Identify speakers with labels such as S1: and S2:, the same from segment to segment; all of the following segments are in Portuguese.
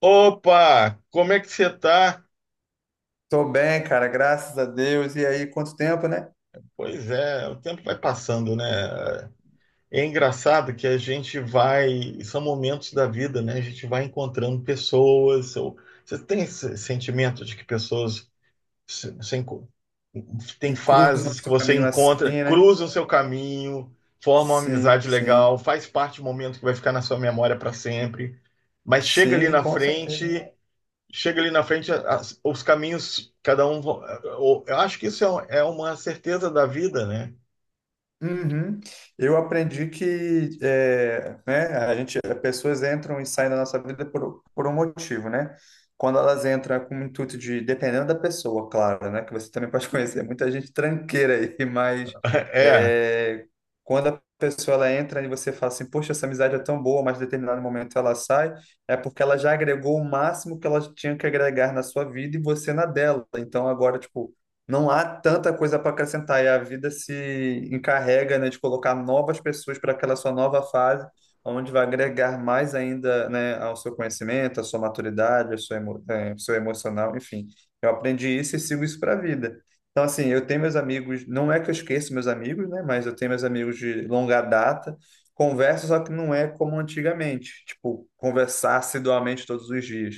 S1: Opa, como é que você tá?
S2: Tô bem, cara, graças a Deus. E aí, quanto tempo, né?
S1: Pois é, o tempo vai passando, né? É engraçado que a gente vai, são momentos da vida, né? A gente vai encontrando pessoas. Você tem esse sentimento de que pessoas se- se enco- tem
S2: Encruza o
S1: fases que
S2: nosso
S1: você
S2: caminho assim,
S1: encontra,
S2: né?
S1: cruzam o seu caminho, formam uma
S2: Sim,
S1: amizade legal,
S2: sim.
S1: faz parte do momento que vai ficar na sua memória para sempre. Mas chega ali
S2: Sim,
S1: na
S2: com certeza.
S1: frente Chega ali na frente, os caminhos, cada um. Eu acho que isso é, é uma certeza da vida, né?
S2: Uhum. Eu aprendi que é, né, as pessoas entram e saem da nossa vida por um motivo, né? Quando elas entram com o intuito de, dependendo da pessoa, claro, né? Que você também pode conhecer muita gente tranqueira aí, mas
S1: É,
S2: é, quando a pessoa ela entra e você fala assim, poxa, essa amizade é tão boa, mas em determinado momento ela sai, é porque ela já agregou o máximo que ela tinha que agregar na sua vida e você na dela. Então agora, tipo, não há tanta coisa para acrescentar e a vida se encarrega, né, de colocar novas pessoas para aquela sua nova fase, onde vai agregar mais ainda, né, ao seu conhecimento, à sua maturidade, ao seu emocional, enfim. Eu aprendi isso e sigo isso para a vida. Então, assim, eu tenho meus amigos, não é que eu esqueço meus amigos, né, mas eu tenho meus amigos de longa data, converso, só que não é como antigamente, tipo, conversar assiduamente todos os dias,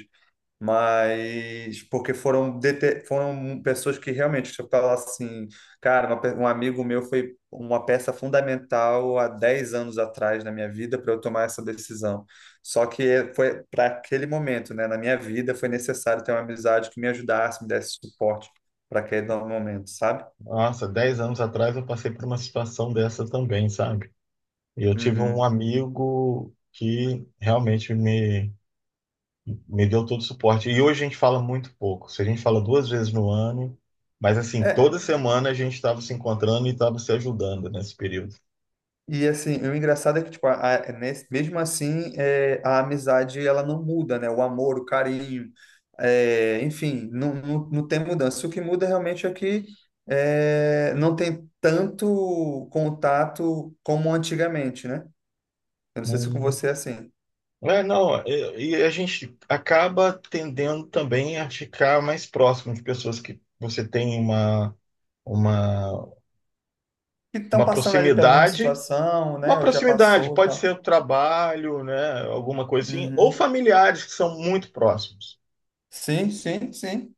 S2: mas porque foram pessoas que realmente, se eu falar assim, cara, um amigo meu foi uma peça fundamental há 10 anos atrás na minha vida para eu tomar essa decisão. Só que foi para aquele momento, né, na minha vida, foi necessário ter uma amizade que me ajudasse, me desse suporte para aquele momento, sabe?
S1: nossa, 10 anos atrás eu passei por uma situação dessa também, sabe? E eu tive um
S2: Uhum.
S1: amigo que realmente me deu todo o suporte. E hoje a gente fala muito pouco. Se a gente fala 2 vezes no ano, mas assim,
S2: É.
S1: toda semana a gente estava se encontrando e estava se ajudando nesse período.
S2: E assim, o engraçado é que, tipo, mesmo assim, é, a amizade ela não muda, né? O amor, o carinho, é, enfim, não, não, não tem mudança. O que muda realmente é que é, não tem tanto contato como antigamente, né? Eu não sei se com você é assim.
S1: É, não, e a gente acaba tendendo também a ficar mais próximo de pessoas que você tem uma,
S2: Que estão
S1: uma
S2: passando ali pela mesma situação, né? Ou já
S1: proximidade,
S2: passou e
S1: pode ser
S2: tal.
S1: o trabalho, né, alguma coisa assim, ou
S2: Uhum.
S1: familiares que são muito próximos.
S2: Sim, sim, sim.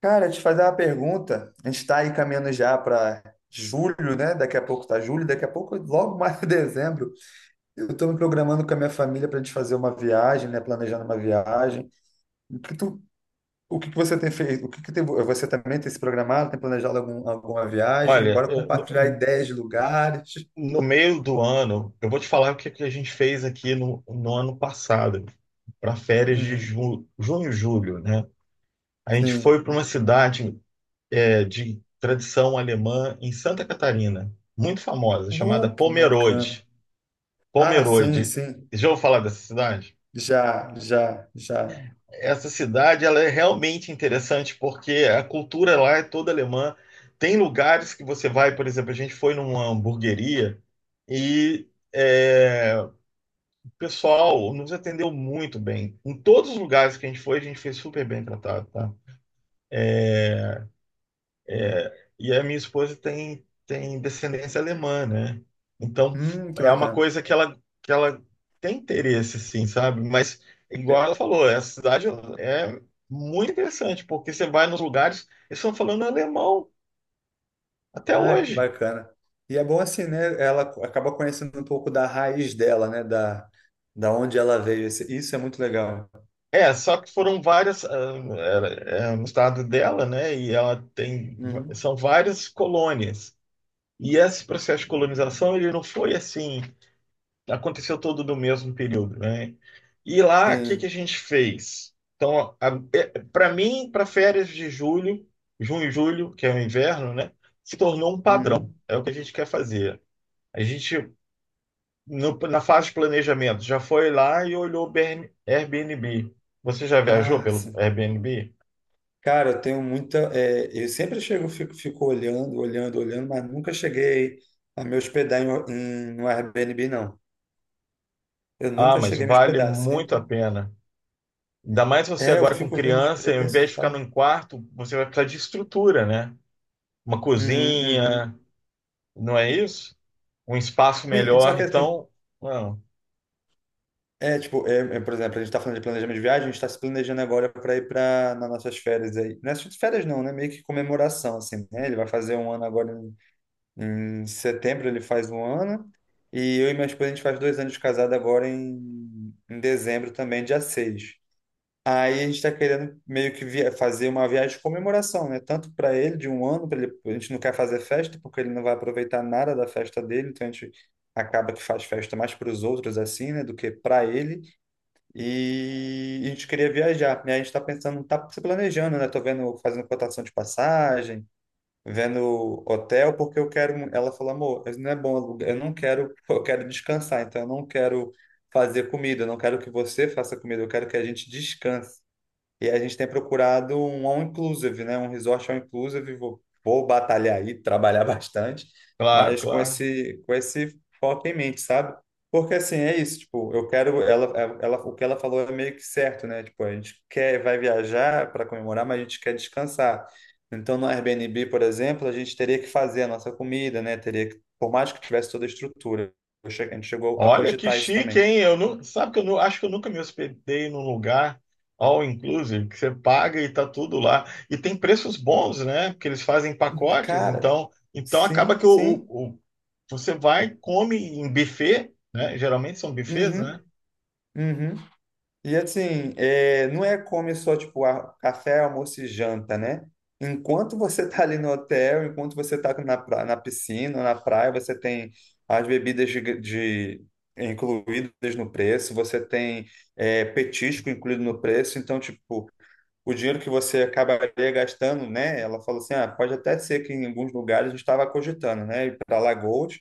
S2: Cara, te fazer uma pergunta. A gente está aí caminhando já para julho, né? Daqui a pouco tá julho, daqui a pouco, logo mais, dezembro, eu estou me programando com a minha família para a gente fazer uma viagem, né? Planejando uma viagem. O que tu, o que que você tem feito? O que que tem- Você também tem se programado? Tem planejado alguma viagem?
S1: Olha,
S2: Bora compartilhar ideias de lugares.
S1: no meio do ano, eu vou te falar o que, é que a gente fez aqui no ano passado, para férias de
S2: Uhum,
S1: junho julho, né? A gente
S2: sim.
S1: foi para uma cidade de tradição alemã em Santa Catarina, muito famosa, chamada
S2: Que bacana.
S1: Pomerode.
S2: Ah, sim,
S1: Pomerode.
S2: sim.
S1: Já ouviu falar dessa cidade?
S2: Já, já, já.
S1: Essa cidade ela é realmente interessante porque a cultura lá é toda alemã. Tem lugares que você vai, por exemplo, a gente foi numa hamburgueria e o pessoal nos atendeu muito bem. Em todos os lugares que a gente foi super bem tratado, tá? E a minha esposa tem descendência alemã, né? Então,
S2: Que
S1: é uma
S2: bacana.
S1: coisa que ela tem interesse, sim, sabe? Mas, igual ela falou, essa cidade é muito interessante, porque você vai nos lugares, eles estão falando alemão até
S2: Ah, que
S1: hoje.
S2: bacana. E é bom assim, né? Ela acaba conhecendo um pouco da raiz dela, né? Da onde ela veio. Isso é muito legal.
S1: É, só que foram várias, ah, era- é, no estado dela, né? E ela tem,
S2: Uhum.
S1: são várias colônias. E esse processo de colonização, ele não foi assim aconteceu todo no mesmo período, né? E lá, o que que a
S2: Sim.
S1: gente fez? Então, para mim, para férias de julho, junho e julho, que é o inverno, né? Se tornou um padrão.
S2: Uhum.
S1: É o que a gente quer fazer. A gente, na fase de planejamento, já foi lá e olhou o Airbnb. Você já viajou
S2: Ah,
S1: pelo
S2: sim.
S1: Airbnb?
S2: Cara, eu tenho muita. Eu sempre chego, fico olhando, olhando, olhando, mas nunca cheguei a me hospedar no Airbnb, não. Eu
S1: Ah,
S2: nunca
S1: mas
S2: cheguei a me
S1: vale
S2: hospedar.
S1: muito a
S2: Sempre.
S1: pena. Ainda mais você
S2: É, eu
S1: agora com
S2: fico vendo os
S1: criança, ao
S2: preços
S1: invés
S2: e
S1: de ficar
S2: tal.
S1: num quarto, você vai precisar de estrutura, né? Uma
S2: Uhum, uhum.
S1: cozinha, não é isso? Um espaço
S2: Sim, só
S1: melhor.
S2: que assim,
S1: Então, não,
S2: é, tipo, por exemplo, a gente tá falando de planejamento de viagem, a gente tá se planejando agora para ir para nas nossas férias aí. Não é só férias não, né? Meio que comemoração, assim, né? Ele vai fazer 1 ano agora em setembro, ele faz 1 ano. E eu e minha esposa, a gente faz 2 anos de casado agora em dezembro também, dia 6. Aí a gente tá querendo meio que fazer uma viagem de comemoração, né? Tanto para ele, de 1 ano, pra ele, a gente não quer fazer festa, porque ele não vai aproveitar nada da festa dele, então a gente acaba que faz festa mais para os outros, assim, né? Do que para ele. E a gente queria viajar, né? A gente está pensando, tá se planejando, né? Tô vendo, fazendo cotação de passagem, vendo hotel, porque eu quero. Ela falou, amor, isso não é bom alugar. Eu não quero, eu quero descansar, então eu não quero fazer comida, eu não quero que você faça comida, eu quero que a gente descanse. E a gente tem procurado um all inclusive, né? Um resort all inclusive. Vou batalhar aí, trabalhar bastante,
S1: claro,
S2: mas com
S1: claro.
S2: esse com esse foco em mente, sabe? Porque assim, é isso, tipo, eu quero ela, é, ela, o que ela falou é meio que certo, né? Tipo, a gente quer vai viajar para comemorar, mas a gente quer descansar. Então, no Airbnb, por exemplo, a gente teria que fazer a nossa comida, né? Teria que, por mais que tivesse toda a estrutura, a gente chegou a
S1: Olha que
S2: cogitar isso
S1: chique,
S2: também.
S1: hein? Eu não, sabe que eu não, acho que eu nunca me hospedei num lugar all inclusive, que você paga e tá tudo lá. E tem preços bons, né? Porque eles fazem pacotes,
S2: Cara,
S1: então, então acaba
S2: sim,
S1: que
S2: sim.
S1: você vai, come em buffet, né? Geralmente são buffets, né?
S2: Uhum, uhum. E assim, é, não é come só tipo café, almoço e janta, né? Enquanto você tá ali no hotel, enquanto você tá na piscina, na praia, você tem as bebidas incluídas no preço, você tem, petisco incluído no preço, então, tipo, o dinheiro que você acabaria gastando, né? Ela falou assim, ah, pode até ser que em alguns lugares a gente estava cogitando, né? Ir para Alagoas,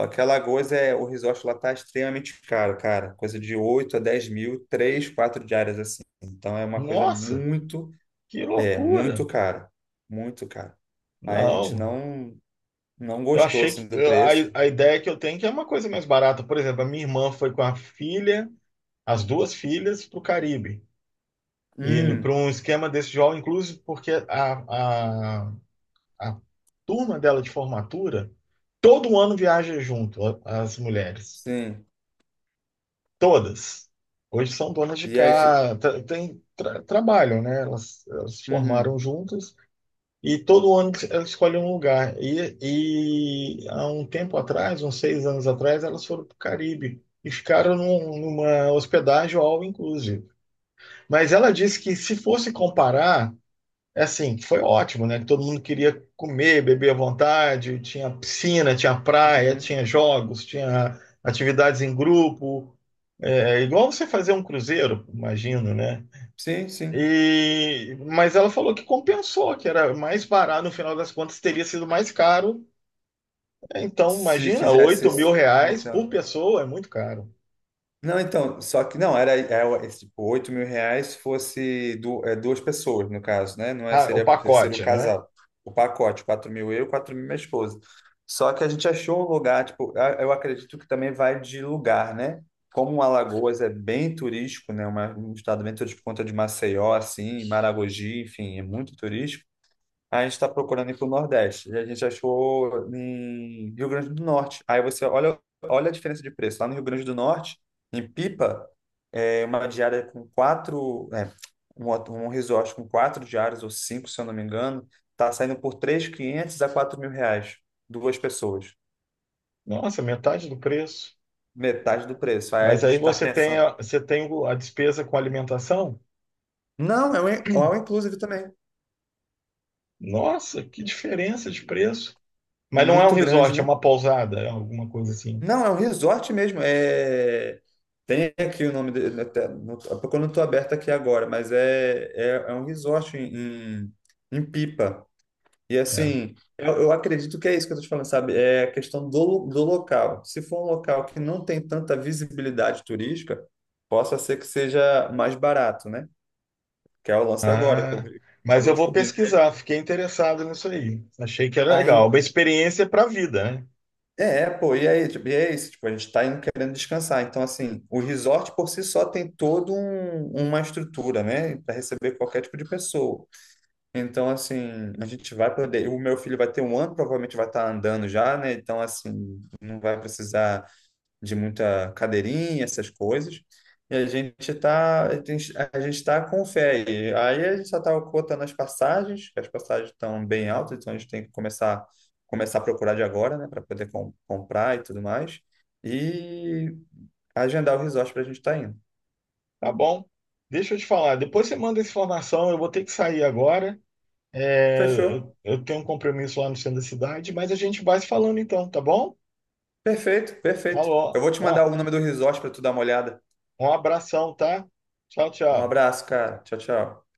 S2: só que Alagoas o resort lá tá extremamente caro, cara. Coisa de 8 a 10 mil, 3 4 diárias assim. Então é uma coisa
S1: Nossa, que loucura!
S2: muito cara. Muito cara. Aí a gente
S1: Não.
S2: não
S1: Eu
S2: gostou,
S1: achei que
S2: assim, do
S1: a,
S2: preço.
S1: a ideia que eu tenho é que é uma coisa mais barata. Por exemplo, a minha irmã foi com a filha. As duas filhas para o Caribe. E para
S2: Hum,
S1: um esquema desse jovem, inclusive porque a, a turma dela de formatura, todo ano viaja junto, as mulheres.
S2: sim.
S1: Todas. Hoje são donas de
S2: E aí,
S1: casa, trabalham, né? Elas se formaram
S2: uhum,
S1: juntas e todo ano elas escolhem um lugar. E há um tempo atrás, uns 6 anos atrás, elas foram para o Caribe e ficaram numa hospedagem all inclusive. Mas ela disse que se fosse comparar, é assim, foi ótimo, né? Que todo mundo queria comer, beber à vontade, tinha piscina, tinha praia,
S2: uhum.
S1: tinha jogos, tinha atividades em grupo, é, igual você fazer um cruzeiro, imagino, né?
S2: Sim, sim.
S1: E, mas ela falou que compensou, que era mais barato, no final das contas teria sido mais caro. Então,
S2: Se
S1: imagina,
S2: fizesse
S1: oito mil
S2: um
S1: reais
S2: hotel,
S1: por pessoa é muito caro.
S2: não, então, só que não, era, tipo, R$ 8.000 fosse duas pessoas, no caso, né? Não é,
S1: Ah, o
S2: seria o
S1: pacote, né?
S2: casal, o pacote, 4 mil eu, 4 mil minha esposa. Só que a gente achou um lugar, tipo, eu acredito que também vai de lugar, né? Como Alagoas é bem turístico, né? Um estado bem turístico por conta de Maceió, assim, Maragogi, enfim, é muito turístico. Aí a gente está procurando ir para o Nordeste. E a gente achou em Rio Grande do Norte. Aí você olha, olha a diferença de preço. Lá no Rio Grande do Norte, em Pipa, é uma diária com quatro. É, um resort com 4 diárias ou cinco, se eu não me engano, tá saindo por 3.500 a 4 mil reais. Duas pessoas.
S1: Nossa, metade do preço.
S2: Metade do preço. Aí a
S1: Mas
S2: gente
S1: aí
S2: está
S1: você
S2: pensando.
S1: você tem a despesa com alimentação?
S2: Não, é um all inclusive também.
S1: Nossa, que diferença de preço. Mas não é um
S2: Muito grande,
S1: resort, é
S2: né?
S1: uma pousada, é alguma coisa assim.
S2: Não, é um resort mesmo. É... Tem aqui o nome dele, até, porque eu não estou aberto aqui agora, mas é um resort em Pipa. E
S1: É.
S2: assim, eu acredito que é isso que eu estou te falando, sabe? É a questão do local. Se for um local que não tem tanta visibilidade turística, possa ser que seja mais barato, né? Que é o lance agora, que
S1: Ah, mas
S2: acabou
S1: eu vou
S2: descobrindo.
S1: pesquisar, fiquei interessado nisso aí. Achei que era legal.
S2: Aí,
S1: Uma experiência para a vida, né?
S2: é, pô, e aí, tipo, e é isso, tipo, a gente tá indo querendo descansar. Então, assim, o resort por si só tem toda uma estrutura, né, para receber qualquer tipo de pessoa. Então, assim, a gente vai poder. O meu filho vai ter 1 ano, provavelmente vai estar andando já, né? Então, assim, não vai precisar de muita cadeirinha, essas coisas. E a gente tá com fé. E aí a gente só tá cotando as passagens, que as passagens estão bem altas, então a gente tem que começar a procurar de agora, né, para poder comprar e tudo mais. E agendar o resort para a gente estar indo.
S1: Tá bom. Deixa eu te falar, depois você manda essa informação, eu vou ter que sair agora. É,
S2: Fechou?
S1: eu tenho um compromisso lá no centro da cidade, mas a gente vai se falando então, tá bom?
S2: Perfeito, perfeito. Eu
S1: Alô,
S2: vou te mandar
S1: ó,
S2: o nome do resort para tu dar uma olhada.
S1: um abração, tá? Tchau,
S2: Um
S1: tchau.
S2: abraço, cara. Tchau, tchau.